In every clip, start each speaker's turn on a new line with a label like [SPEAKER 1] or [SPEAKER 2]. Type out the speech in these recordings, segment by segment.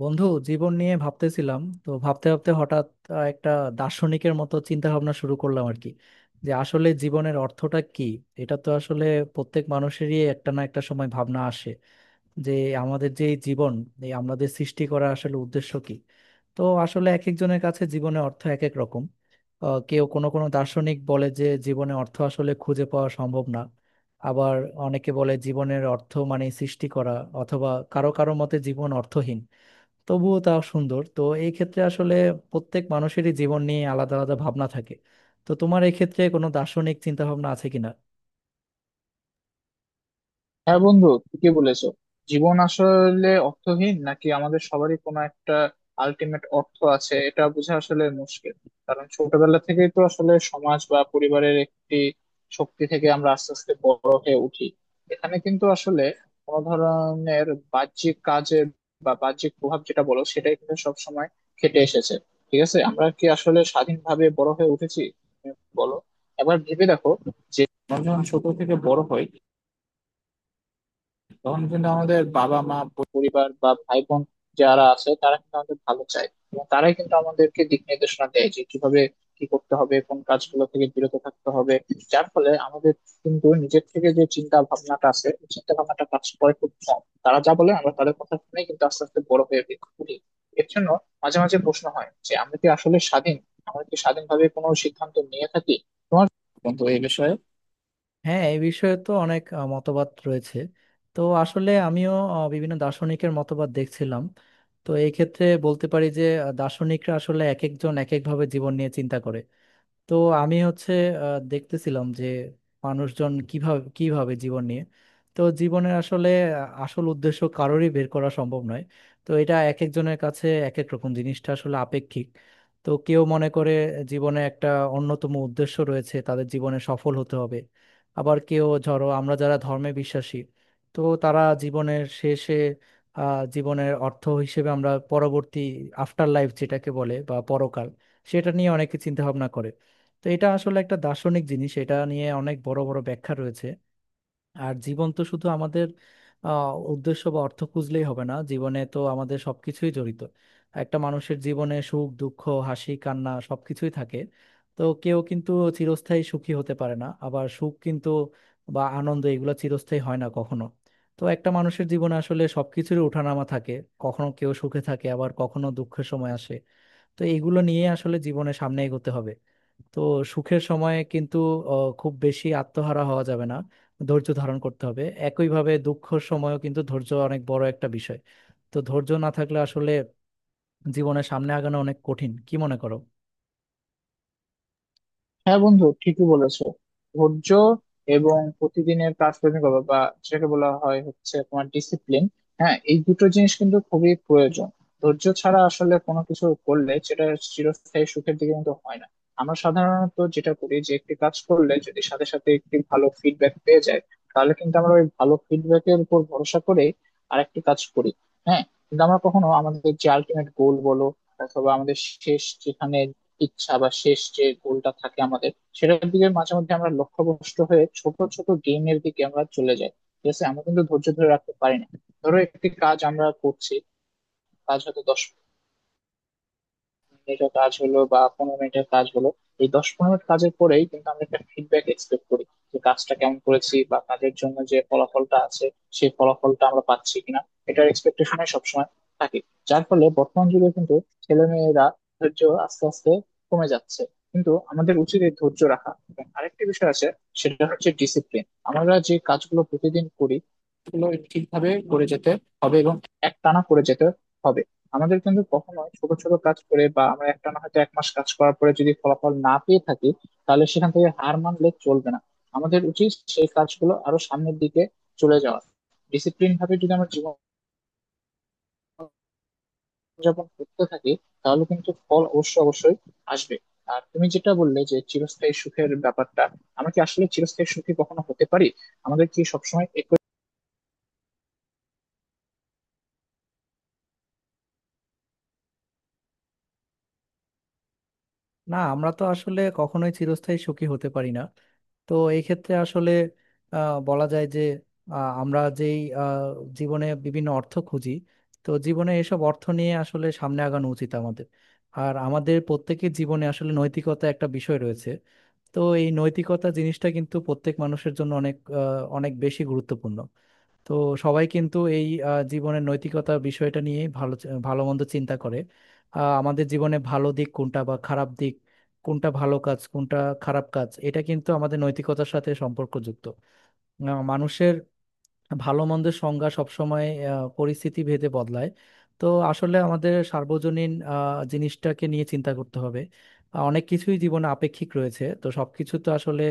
[SPEAKER 1] বন্ধু, জীবন নিয়ে ভাবতেছিলাম তো ভাবতে ভাবতে হঠাৎ একটা দার্শনিকের মতো চিন্তা ভাবনা শুরু করলাম আর কি যে আসলে জীবনের অর্থটা কি। এটা তো আসলে প্রত্যেক মানুষেরই একটা না একটা সময় ভাবনা আসে যে আমাদের যে এই জীবন, এই আমাদের সৃষ্টি করা আসলে উদ্দেশ্য কি। তো আসলে এক একজনের কাছে জীবনের অর্থ এক এক রকম। কেউ কোনো কোনো দার্শনিক বলে যে জীবনে অর্থ আসলে খুঁজে পাওয়া সম্ভব না। আবার অনেকে বলে জীবনের অর্থ মানে সৃষ্টি করা, অথবা কারো কারো মতে জীবন অর্থহীন তবুও তা সুন্দর। তো এই ক্ষেত্রে আসলে প্রত্যেক মানুষেরই জীবন নিয়ে আলাদা আলাদা ভাবনা থাকে। তো তোমার এই ক্ষেত্রে কোনো দার্শনিক চিন্তা ভাবনা আছে কিনা?
[SPEAKER 2] হ্যাঁ বন্ধু, ঠিকই বলেছো। জীবন আসলে অর্থহীন নাকি আমাদের সবারই কোনো একটা আলটিমেট অর্থ আছে, এটা বোঝা আসলে মুশকিল। কারণ ছোটবেলা থেকেই তো আসলে সমাজ বা পরিবারের একটি শক্তি থেকে আমরা আস্তে আস্তে বড় হয়ে উঠি। এখানে কিন্তু আসলে কোনো ধরনের বাহ্যিক কাজের বা বাহ্যিক প্রভাব যেটা বলো, সেটাই কিন্তু সবসময় খেটে এসেছে। ঠিক আছে, আমরা কি আসলে স্বাধীনভাবে বড় হয়ে উঠেছি? তুমি বলো, এবার ভেবে দেখো যে আমরা যখন ছোট থেকে বড় হই, তখন কিন্তু আমাদের বাবা মা, পরিবার বা ভাই বোন যারা আছে তারা কিন্তু আমাদের ভালো চায়, এবং তারাই কিন্তু আমাদেরকে দিক নির্দেশনা দেয় যে কিভাবে কি করতে হবে, কোন কাজগুলো থেকে বিরত থাকতে হবে। যার ফলে আমাদের কিন্তু নিজের থেকে যে চিন্তা ভাবনাটা আছে, ওই চিন্তা ভাবনাটা কাজ করে খুব কম। তারা যা বলে আমরা তাদের কথা শুনে কিন্তু আস্তে আস্তে বড় হয়ে উঠি। এর জন্য মাঝে মাঝে প্রশ্ন হয় যে আমরা কি আসলে স্বাধীন? আমরা কি স্বাধীনভাবে কোনো সিদ্ধান্ত নিয়ে থাকি? তোমার বন্ধু এই বিষয়ে।
[SPEAKER 1] হ্যাঁ, এই বিষয়ে তো অনেক মতবাদ রয়েছে। তো আসলে আমিও বিভিন্ন দার্শনিকের মতবাদ দেখছিলাম। তো এই ক্ষেত্রে বলতে পারি যে দার্শনিকরা আসলে এক একজন এক একভাবে জীবন নিয়ে চিন্তা করে। তো আমি হচ্ছে দেখতেছিলাম যে মানুষজন কিভাবে কিভাবে জীবন নিয়ে। তো জীবনের আসলে আসল উদ্দেশ্য কারোরই বের করা সম্ভব নয়। তো এটা এক একজনের কাছে এক এক রকম, জিনিসটা আসলে আপেক্ষিক। তো কেউ মনে করে জীবনে একটা অন্যতম উদ্দেশ্য রয়েছে, তাদের জীবনে সফল হতে হবে। আবার কেউ, ধরো আমরা যারা ধর্মে বিশ্বাসী, তো তারা জীবনের শেষে জীবনের অর্থ হিসেবে আমরা পরবর্তী আফটার লাইফ যেটাকে বলে বা পরকাল, সেটা নিয়ে অনেকে চিন্তা ভাবনা করে। তো এটা আসলে একটা দার্শনিক জিনিস, এটা নিয়ে অনেক বড় বড় ব্যাখ্যা রয়েছে। আর জীবন তো শুধু আমাদের উদ্দেশ্য বা অর্থ খুঁজলেই হবে না, জীবনে তো আমাদের সবকিছুই জড়িত। একটা মানুষের জীবনে সুখ দুঃখ হাসি কান্না সবকিছুই থাকে। তো কেউ কিন্তু চিরস্থায়ী সুখী হতে পারে না, আবার সুখ কিন্তু বা আনন্দ এগুলো চিরস্থায়ী হয় না কখনো। তো একটা মানুষের জীবনে আসলে সবকিছুরই ওঠানামা থাকে। কখনো কেউ সুখে থাকে, আবার কখনো দুঃখের সময় আসে। তো এগুলো নিয়ে আসলে জীবনে সামনে এগোতে হবে। তো সুখের সময়ে কিন্তু খুব বেশি আত্মহারা হওয়া যাবে না, ধৈর্য ধারণ করতে হবে। একইভাবে দুঃখের সময়ও কিন্তু ধৈর্য অনেক বড় একটা বিষয়। তো ধৈর্য না থাকলে আসলে জীবনে সামনে আগানো অনেক কঠিন। কি মনে করো?
[SPEAKER 2] হ্যাঁ বন্ধু, ঠিকই বলেছো। ধৈর্য এবং প্রতিদিনের কাজকর্মিকতা বা যেটাকে বলা হয় হচ্ছে তোমার ডিসিপ্লিন। হ্যাঁ, এই দুটো জিনিস কিন্তু খুবই প্রয়োজন। ধৈর্য ছাড়া আসলে কোনো কিছু করলে সেটা চিরস্থায়ী সুখের দিকে কিন্তু হয় না। আমরা সাধারণত যেটা করি যে একটি কাজ করলে যদি সাথে সাথে একটি ভালো ফিডব্যাক পেয়ে যায়, তাহলে কিন্তু আমরা ওই ভালো ফিডব্যাকের উপর ভরসা করে আরেকটি কাজ করি। হ্যাঁ, কিন্তু আমরা কখনো আমাদের যে আলটিমেট গোল বলো অথবা আমাদের শেষ যেখানে ইচ্ছা বা শেষ যে গোলটা থাকে আমাদের, সেটার দিকে মাঝে মধ্যে আমরা লক্ষ্যভ্রষ্ট হয়ে ছোট ছোট গেমের দিকে আমরা চলে যাই। ঠিক আছে, আমরা কিন্তু ধৈর্য ধরে রাখতে পারি না। ধরো একটি কাজ আমরা করছি, কাজ হয়তো 10 মিনিটের কাজ হলো বা 15 মিনিটের কাজ হলো। এই 10-15 মিনিট কাজের পরেই কিন্তু আমরা একটা ফিডব্যাক এক্সপেক্ট করি, যে কাজটা কেমন করেছি বা কাজের জন্য যে ফলাফলটা আছে, সেই ফলাফলটা আমরা পাচ্ছি কিনা। এটার এক্সপেকটেশনে সবসময় থাকে। যার ফলে বর্তমান যুগে কিন্তু ছেলে মেয়েরা ধৈর্য আস্তে আস্তে কমে যাচ্ছে। কিন্তু আমাদের উচিত এই ধৈর্য রাখা, এবং আরেকটি বিষয় আছে, সেটা হচ্ছে ডিসিপ্লিন। আমরা যে কাজগুলো প্রতিদিন করি, সেগুলো ঠিকভাবে করে যেতে হবে এবং একটানা করে যেতে হবে। আমাদের কিন্তু কখনো ছোট ছোট কাজ করে বা আমরা একটা না হয়তো এক মাস কাজ করার পরে যদি ফলাফল না পেয়ে থাকি, তাহলে সেখান থেকে হার মানলে চলবে না। আমাদের উচিত সেই কাজগুলো আরো সামনের দিকে চলে যাওয়া। ডিসিপ্লিন ভাবে যদি আমরা জীবন যাপন করতে থাকি, তাহলে কিন্তু ফল অবশ্যই অবশ্যই আসবে। আর তুমি যেটা বললে যে চিরস্থায়ী সুখের ব্যাপারটা, আমরা কি আসলে চিরস্থায়ী সুখী কখনো হতে পারি? আমাদের কি সবসময় একই?
[SPEAKER 1] না, আমরা তো আসলে কখনোই চিরস্থায়ী সুখী হতে পারি না। তো এই ক্ষেত্রে আসলে বলা যায় যে আমরা যেই জীবনে বিভিন্ন অর্থ খুঁজি। তো জীবনে এসব অর্থ নিয়ে আসলে সামনে আগানো উচিত আমাদের। আর আমাদের প্রত্যেকের জীবনে আসলে নৈতিকতা একটা বিষয় রয়েছে। তো এই নৈতিকতা জিনিসটা কিন্তু প্রত্যেক মানুষের জন্য অনেক অনেক বেশি গুরুত্বপূর্ণ। তো সবাই কিন্তু এই জীবনের নৈতিকতা বিষয়টা নিয়ে ভালো মন্দ চিন্তা করে। আমাদের জীবনে ভালো দিক কোনটা বা খারাপ দিক কোনটা, ভালো কাজ কোনটা খারাপ কাজ, এটা কিন্তু আমাদের নৈতিকতার সাথে সম্পর্কযুক্ত। মানুষের ভালো মন্দের সংজ্ঞা সবসময় পরিস্থিতি ভেদে বদলায়। তো আসলে আমাদের সার্বজনীন জিনিসটাকে নিয়ে চিন্তা করতে হবে। অনেক কিছুই জীবনে আপেক্ষিক রয়েছে, তো সবকিছু তো আসলে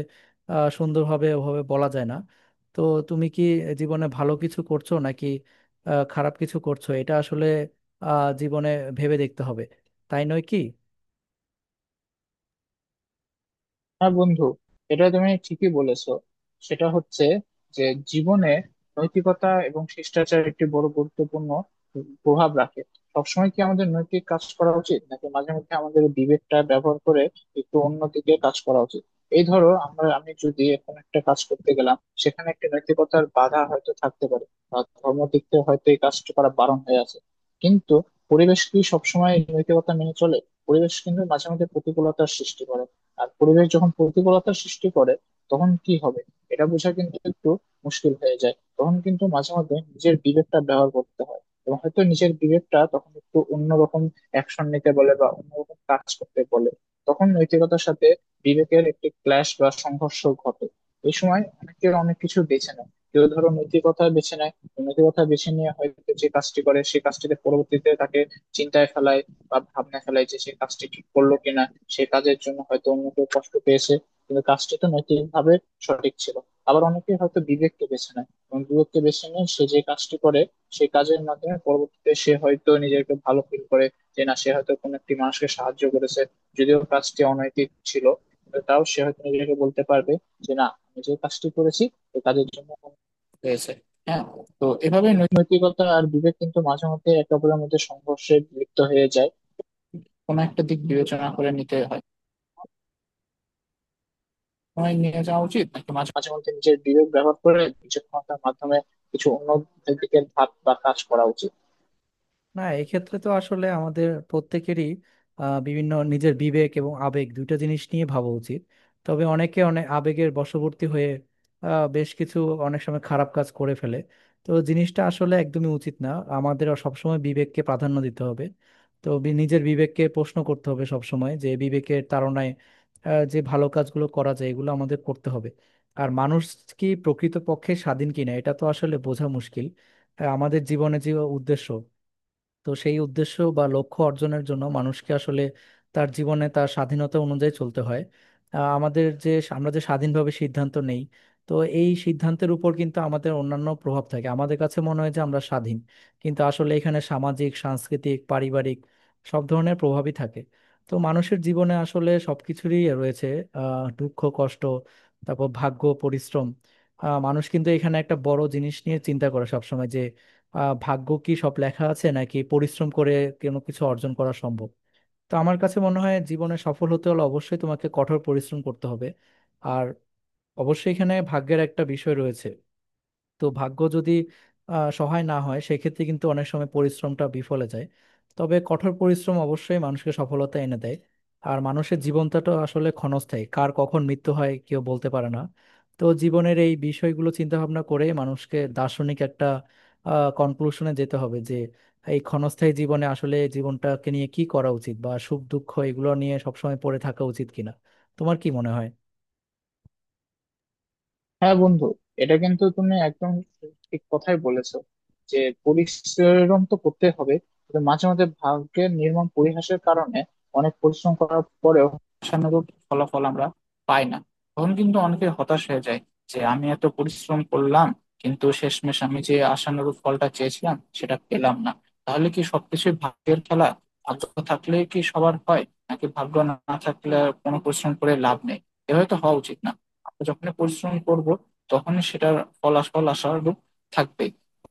[SPEAKER 1] সুন্দরভাবে ওভাবে বলা যায় না। তো তুমি কি জীবনে ভালো কিছু করছো নাকি খারাপ কিছু করছো, এটা আসলে জীবনে ভেবে দেখতে হবে। তাই নয় কি?
[SPEAKER 2] হ্যাঁ বন্ধু, এটা তুমি ঠিকই বলেছো। সেটা হচ্ছে যে জীবনে নৈতিকতা এবং শিষ্টাচার একটি বড় গুরুত্বপূর্ণ প্রভাব রাখে। সবসময় কি আমাদের নৈতিক কাজ করা উচিত, নাকি মাঝে মধ্যে আমাদের বিবেকটা ব্যবহার করে একটু অন্য দিকে কাজ করা উচিত? এই ধরো আমরা, আমি যদি এখন একটা কাজ করতে গেলাম, সেখানে একটি নৈতিকতার বাধা হয়তো থাকতে পারে বা ধর্ম দিক থেকে হয়তো এই কাজটা করা বারণ হয়ে আছে। কিন্তু পরিবেশ কি সবসময় এই নৈতিকতা মেনে চলে? পরিবেশ কিন্তু মাঝে মধ্যে প্রতিকূলতার সৃষ্টি করে। আর পরিবেশ যখন প্রতিকূলতা সৃষ্টি করে, তখন কি হবে? এটা বোঝা কিন্তু একটু মুশকিল হয়ে যায়। তখন কিন্তু মাঝে মাঝে নিজের বিবেকটা ব্যবহার করতে হয়, এবং হয়তো নিজের বিবেকটা তখন একটু অন্যরকম অ্যাকশন নিতে বলে বা অন্যরকম কাজ করতে বলে। তখন নৈতিকতার সাথে বিবেকের একটি ক্ল্যাশ বা সংঘর্ষ ঘটে। এই সময় অনেকে অনেক কিছু বেছে নেয়। কেউ ধরো নৈতিকতা বেছে নেয়। নৈতিকতা বেছে নিয়ে হয়তো যে কাজটি করে, সেই কাজটিতে পরবর্তীতে তাকে চিন্তায় ফেলায় বা ভাবনা ফেলায় যে সে কাজটি ঠিক করলো কিনা। সে কাজের জন্য হয়তো অন্য কেউ কষ্ট পেয়েছে, কিন্তু কাজটি তো নৈতিকভাবে সঠিক ছিল। আবার অনেকে হয়তো বিবেককে বেছে নেয়, এবং বিবেককে বেছে নিয়ে সে যে কাজটি করে, সেই কাজের মাধ্যমে পরবর্তীতে সে হয়তো নিজেকে ভালো ফিল করে। যে না, সে হয়তো কোনো একটি মানুষকে সাহায্য করেছে, যদিও কাজটি অনৈতিক ছিল, কিন্তু তাও সে হয়তো নিজেকে বলতে পারবে যে না আমি যে কাজটি করেছি, এই কাজের জন্য হয়েছে। হ্যাঁ, তো এভাবে নৈতিকতা আর বিবেক কিন্তু মাঝে মধ্যে একে অপরের মধ্যে সংঘর্ষে লিপ্ত হয়ে যায়। কোনো একটা দিক বিবেচনা করে নিতে হয়, সময় নিয়ে যাওয়া উচিত, নাকি মাঝে মাঝে মধ্যে নিজের বিবেক ব্যবহার করে বিচক্ষণতার মাধ্যমে কিছু অন্য দিকে ধাপ বা কাজ করা উচিত।
[SPEAKER 1] না, এক্ষেত্রে তো আসলে আমাদের প্রত্যেকেরই বিভিন্ন নিজের বিবেক এবং আবেগ দুইটা জিনিস নিয়ে ভাবা উচিত। তবে অনেকে অনেক আবেগের বশবর্তী হয়ে বেশ কিছু অনেক সময় খারাপ কাজ করে ফেলে। তো জিনিসটা আসলে একদমই উচিত না, আমাদের সবসময় বিবেককে প্রাধান্য দিতে হবে। তো নিজের বিবেককে প্রশ্ন করতে হবে সবসময় যে বিবেকের তাড়নায় যে ভালো কাজগুলো করা যায় এগুলো আমাদের করতে হবে। আর মানুষ কি প্রকৃতপক্ষে স্বাধীন কিনা এটা তো আসলে বোঝা মুশকিল। আমাদের জীবনে যে উদ্দেশ্য, তো সেই উদ্দেশ্য বা লক্ষ্য অর্জনের জন্য মানুষকে আসলে তার জীবনে তার স্বাধীনতা অনুযায়ী চলতে হয়। আমাদের যে আমরা যে স্বাধীনভাবে সিদ্ধান্ত নেই, তো এই সিদ্ধান্তের উপর কিন্তু আমাদের অন্যান্য প্রভাব থাকে। আমাদের কাছে মনে হয় যে আমরা স্বাধীন, কিন্তু আসলে এখানে সামাজিক সাংস্কৃতিক পারিবারিক সব ধরনের প্রভাবই থাকে। তো মানুষের জীবনে আসলে সবকিছুরই রয়েছে। দুঃখ কষ্ট, তারপর ভাগ্য পরিশ্রম। মানুষ কিন্তু এখানে একটা বড় জিনিস নিয়ে চিন্তা করে সবসময়, ভাগ্য কি সব লেখা আছে নাকি পরিশ্রম করে কোনো কিছু অর্জন করা সম্ভব। তো আমার কাছে মনে হয় জীবনে সফল হতে হলে অবশ্যই তোমাকে কঠোর পরিশ্রম করতে হবে। আর অবশ্যই এখানে ভাগ্যের একটা বিষয় রয়েছে। তো ভাগ্য যদি সহায় না হয় সেক্ষেত্রে কিন্তু অনেক সময় পরিশ্রমটা বিফলে যায়। তবে কঠোর পরিশ্রম অবশ্যই মানুষকে সফলতা এনে দেয়। আর মানুষের জীবনটা তো আসলে ক্ষণস্থায়ী, কার কখন মৃত্যু হয় কেউ বলতে পারে না। তো জীবনের এই বিষয়গুলো চিন্তা ভাবনা করে মানুষকে দার্শনিক একটা কনক্লুশনে যেতে হবে যে এই ক্ষণস্থায়ী জীবনে আসলে জীবনটাকে নিয়ে কি করা উচিত বা সুখ দুঃখ এগুলো নিয়ে সবসময় পড়ে থাকা উচিত কিনা। তোমার কি মনে হয়?
[SPEAKER 2] হ্যাঁ বন্ধু, এটা কিন্তু তুমি একদম ঠিক কথাই বলেছো, যে পরিশ্রম তো করতে হবে। তবে মাঝে মাঝে ভাগ্যের নির্মম পরিহাসের কারণে অনেক পরিশ্রম করার পরেও আশানুরূপ ফলাফল আমরা পাই না। তখন কিন্তু অনেকে হতাশ হয়ে যায়, যে আমি এত পরিশ্রম করলাম, কিন্তু শেষমেশ আমি যে আশানুরূপ ফলটা চেয়েছিলাম সেটা পেলাম না। তাহলে কি সবকিছুই ভাগ্যের খেলা? ভাগ্য থাকলে কি সবার হয়, নাকি ভাগ্য না থাকলে আর কোনো পরিশ্রম করে লাভ নেই? এভাবে তো হওয়া উচিত না। যখন পরিশ্রম করব, তখন সেটার ফল আশানুরূপ থাকবে।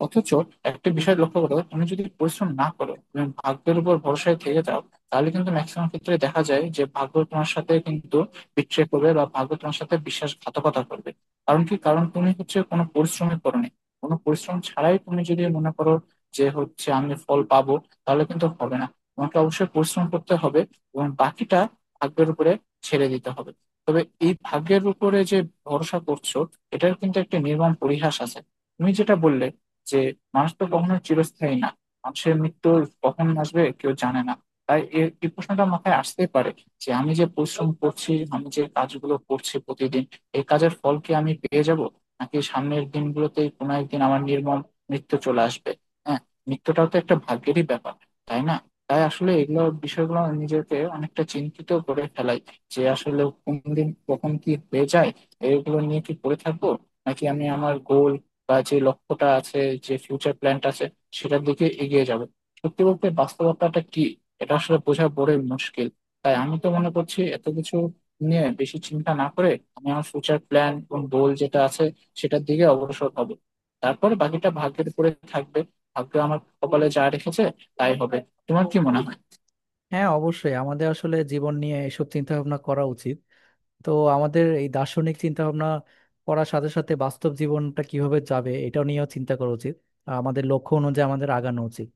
[SPEAKER 2] অথচ একটা বিষয় লক্ষ্য করো, তুমি যদি পরিশ্রম না করো, তুমি ভাগ্যের উপর ভরসায় থেকে যাও, তাহলে কিন্তু ম্যাক্সিমাম ক্ষেত্রে দেখা যায় যে ভাগ্য তোমার সাথে কিন্তু বিট্রে করবে বা ভাগ্য তোমার সাথে বিশ্বাসঘাতকতা করবে। কারণ কি? কারণ তুমি হচ্ছে কোনো পরিশ্রমই করোনি। কোনো পরিশ্রম ছাড়াই তুমি যদি মনে করো যে হচ্ছে আমি ফল পাবো, তাহলে কিন্তু হবে না। তোমাকে অবশ্যই পরিশ্রম করতে হবে, এবং বাকিটা ভাগ্যের উপরে ছেড়ে দিতে হবে। তবে এই ভাগ্যের উপরে যে ভরসা করছো, এটার কিন্তু একটা নির্মম পরিহাস আছে। তুমি যেটা বললে, যে মানুষ তো কখনো চিরস্থায়ী না, মানুষের মৃত্যু কখন আসবে কেউ জানে না। তাই এই প্রশ্নটা মাথায় আসতেই পারে, যে আমি যে পরিশ্রম করছি, আমি যে কাজগুলো করছি প্রতিদিন, এই কাজের ফল কি আমি পেয়ে যাব, নাকি সামনের দিনগুলোতেই কোনো একদিন আমার নির্মম মৃত্যু চলে আসবে। হ্যাঁ, মৃত্যুটাও তো একটা ভাগ্যেরই ব্যাপার, তাই না? তাই আসলে এগুলো বিষয়গুলো নিজেকে অনেকটা চিন্তিত করে ফেলাই, যে আসলে কোন দিন কখন কি হয়ে যায়। এগুলো নিয়ে কি পড়ে থাকবো, নাকি আমি আমার গোল বা যে লক্ষ্যটা আছে, যে ফিউচার প্ল্যানটা আছে, সেটার দিকে এগিয়ে যাবো? সত্যি বলতে বাস্তবতাটা কি, এটা আসলে বোঝা বড়ই মুশকিল। তাই আমি তো মনে করছি এত কিছু নিয়ে বেশি চিন্তা না করে আমি আমার ফিউচার প্ল্যান এবং গোল যেটা আছে সেটার দিকে অগ্রসর হবো। তারপরে বাকিটা ভাগ্যের উপরে থাকবে। ভাগ্য আমার কপালে যা রেখেছে, তাই হবে। তোমার কি মনে হয়?
[SPEAKER 1] হ্যাঁ, অবশ্যই আমাদের আসলে জীবন নিয়ে এসব চিন্তা ভাবনা করা উচিত। তো আমাদের এই দার্শনিক চিন্তা ভাবনা করার সাথে সাথে বাস্তব জীবনটা কিভাবে যাবে এটাও নিয়েও চিন্তা করা উচিত। আমাদের লক্ষ্য অনুযায়ী আমাদের আগানো উচিত।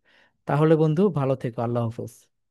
[SPEAKER 1] তাহলে বন্ধু, ভালো থেকো। আল্লাহ হাফেজ।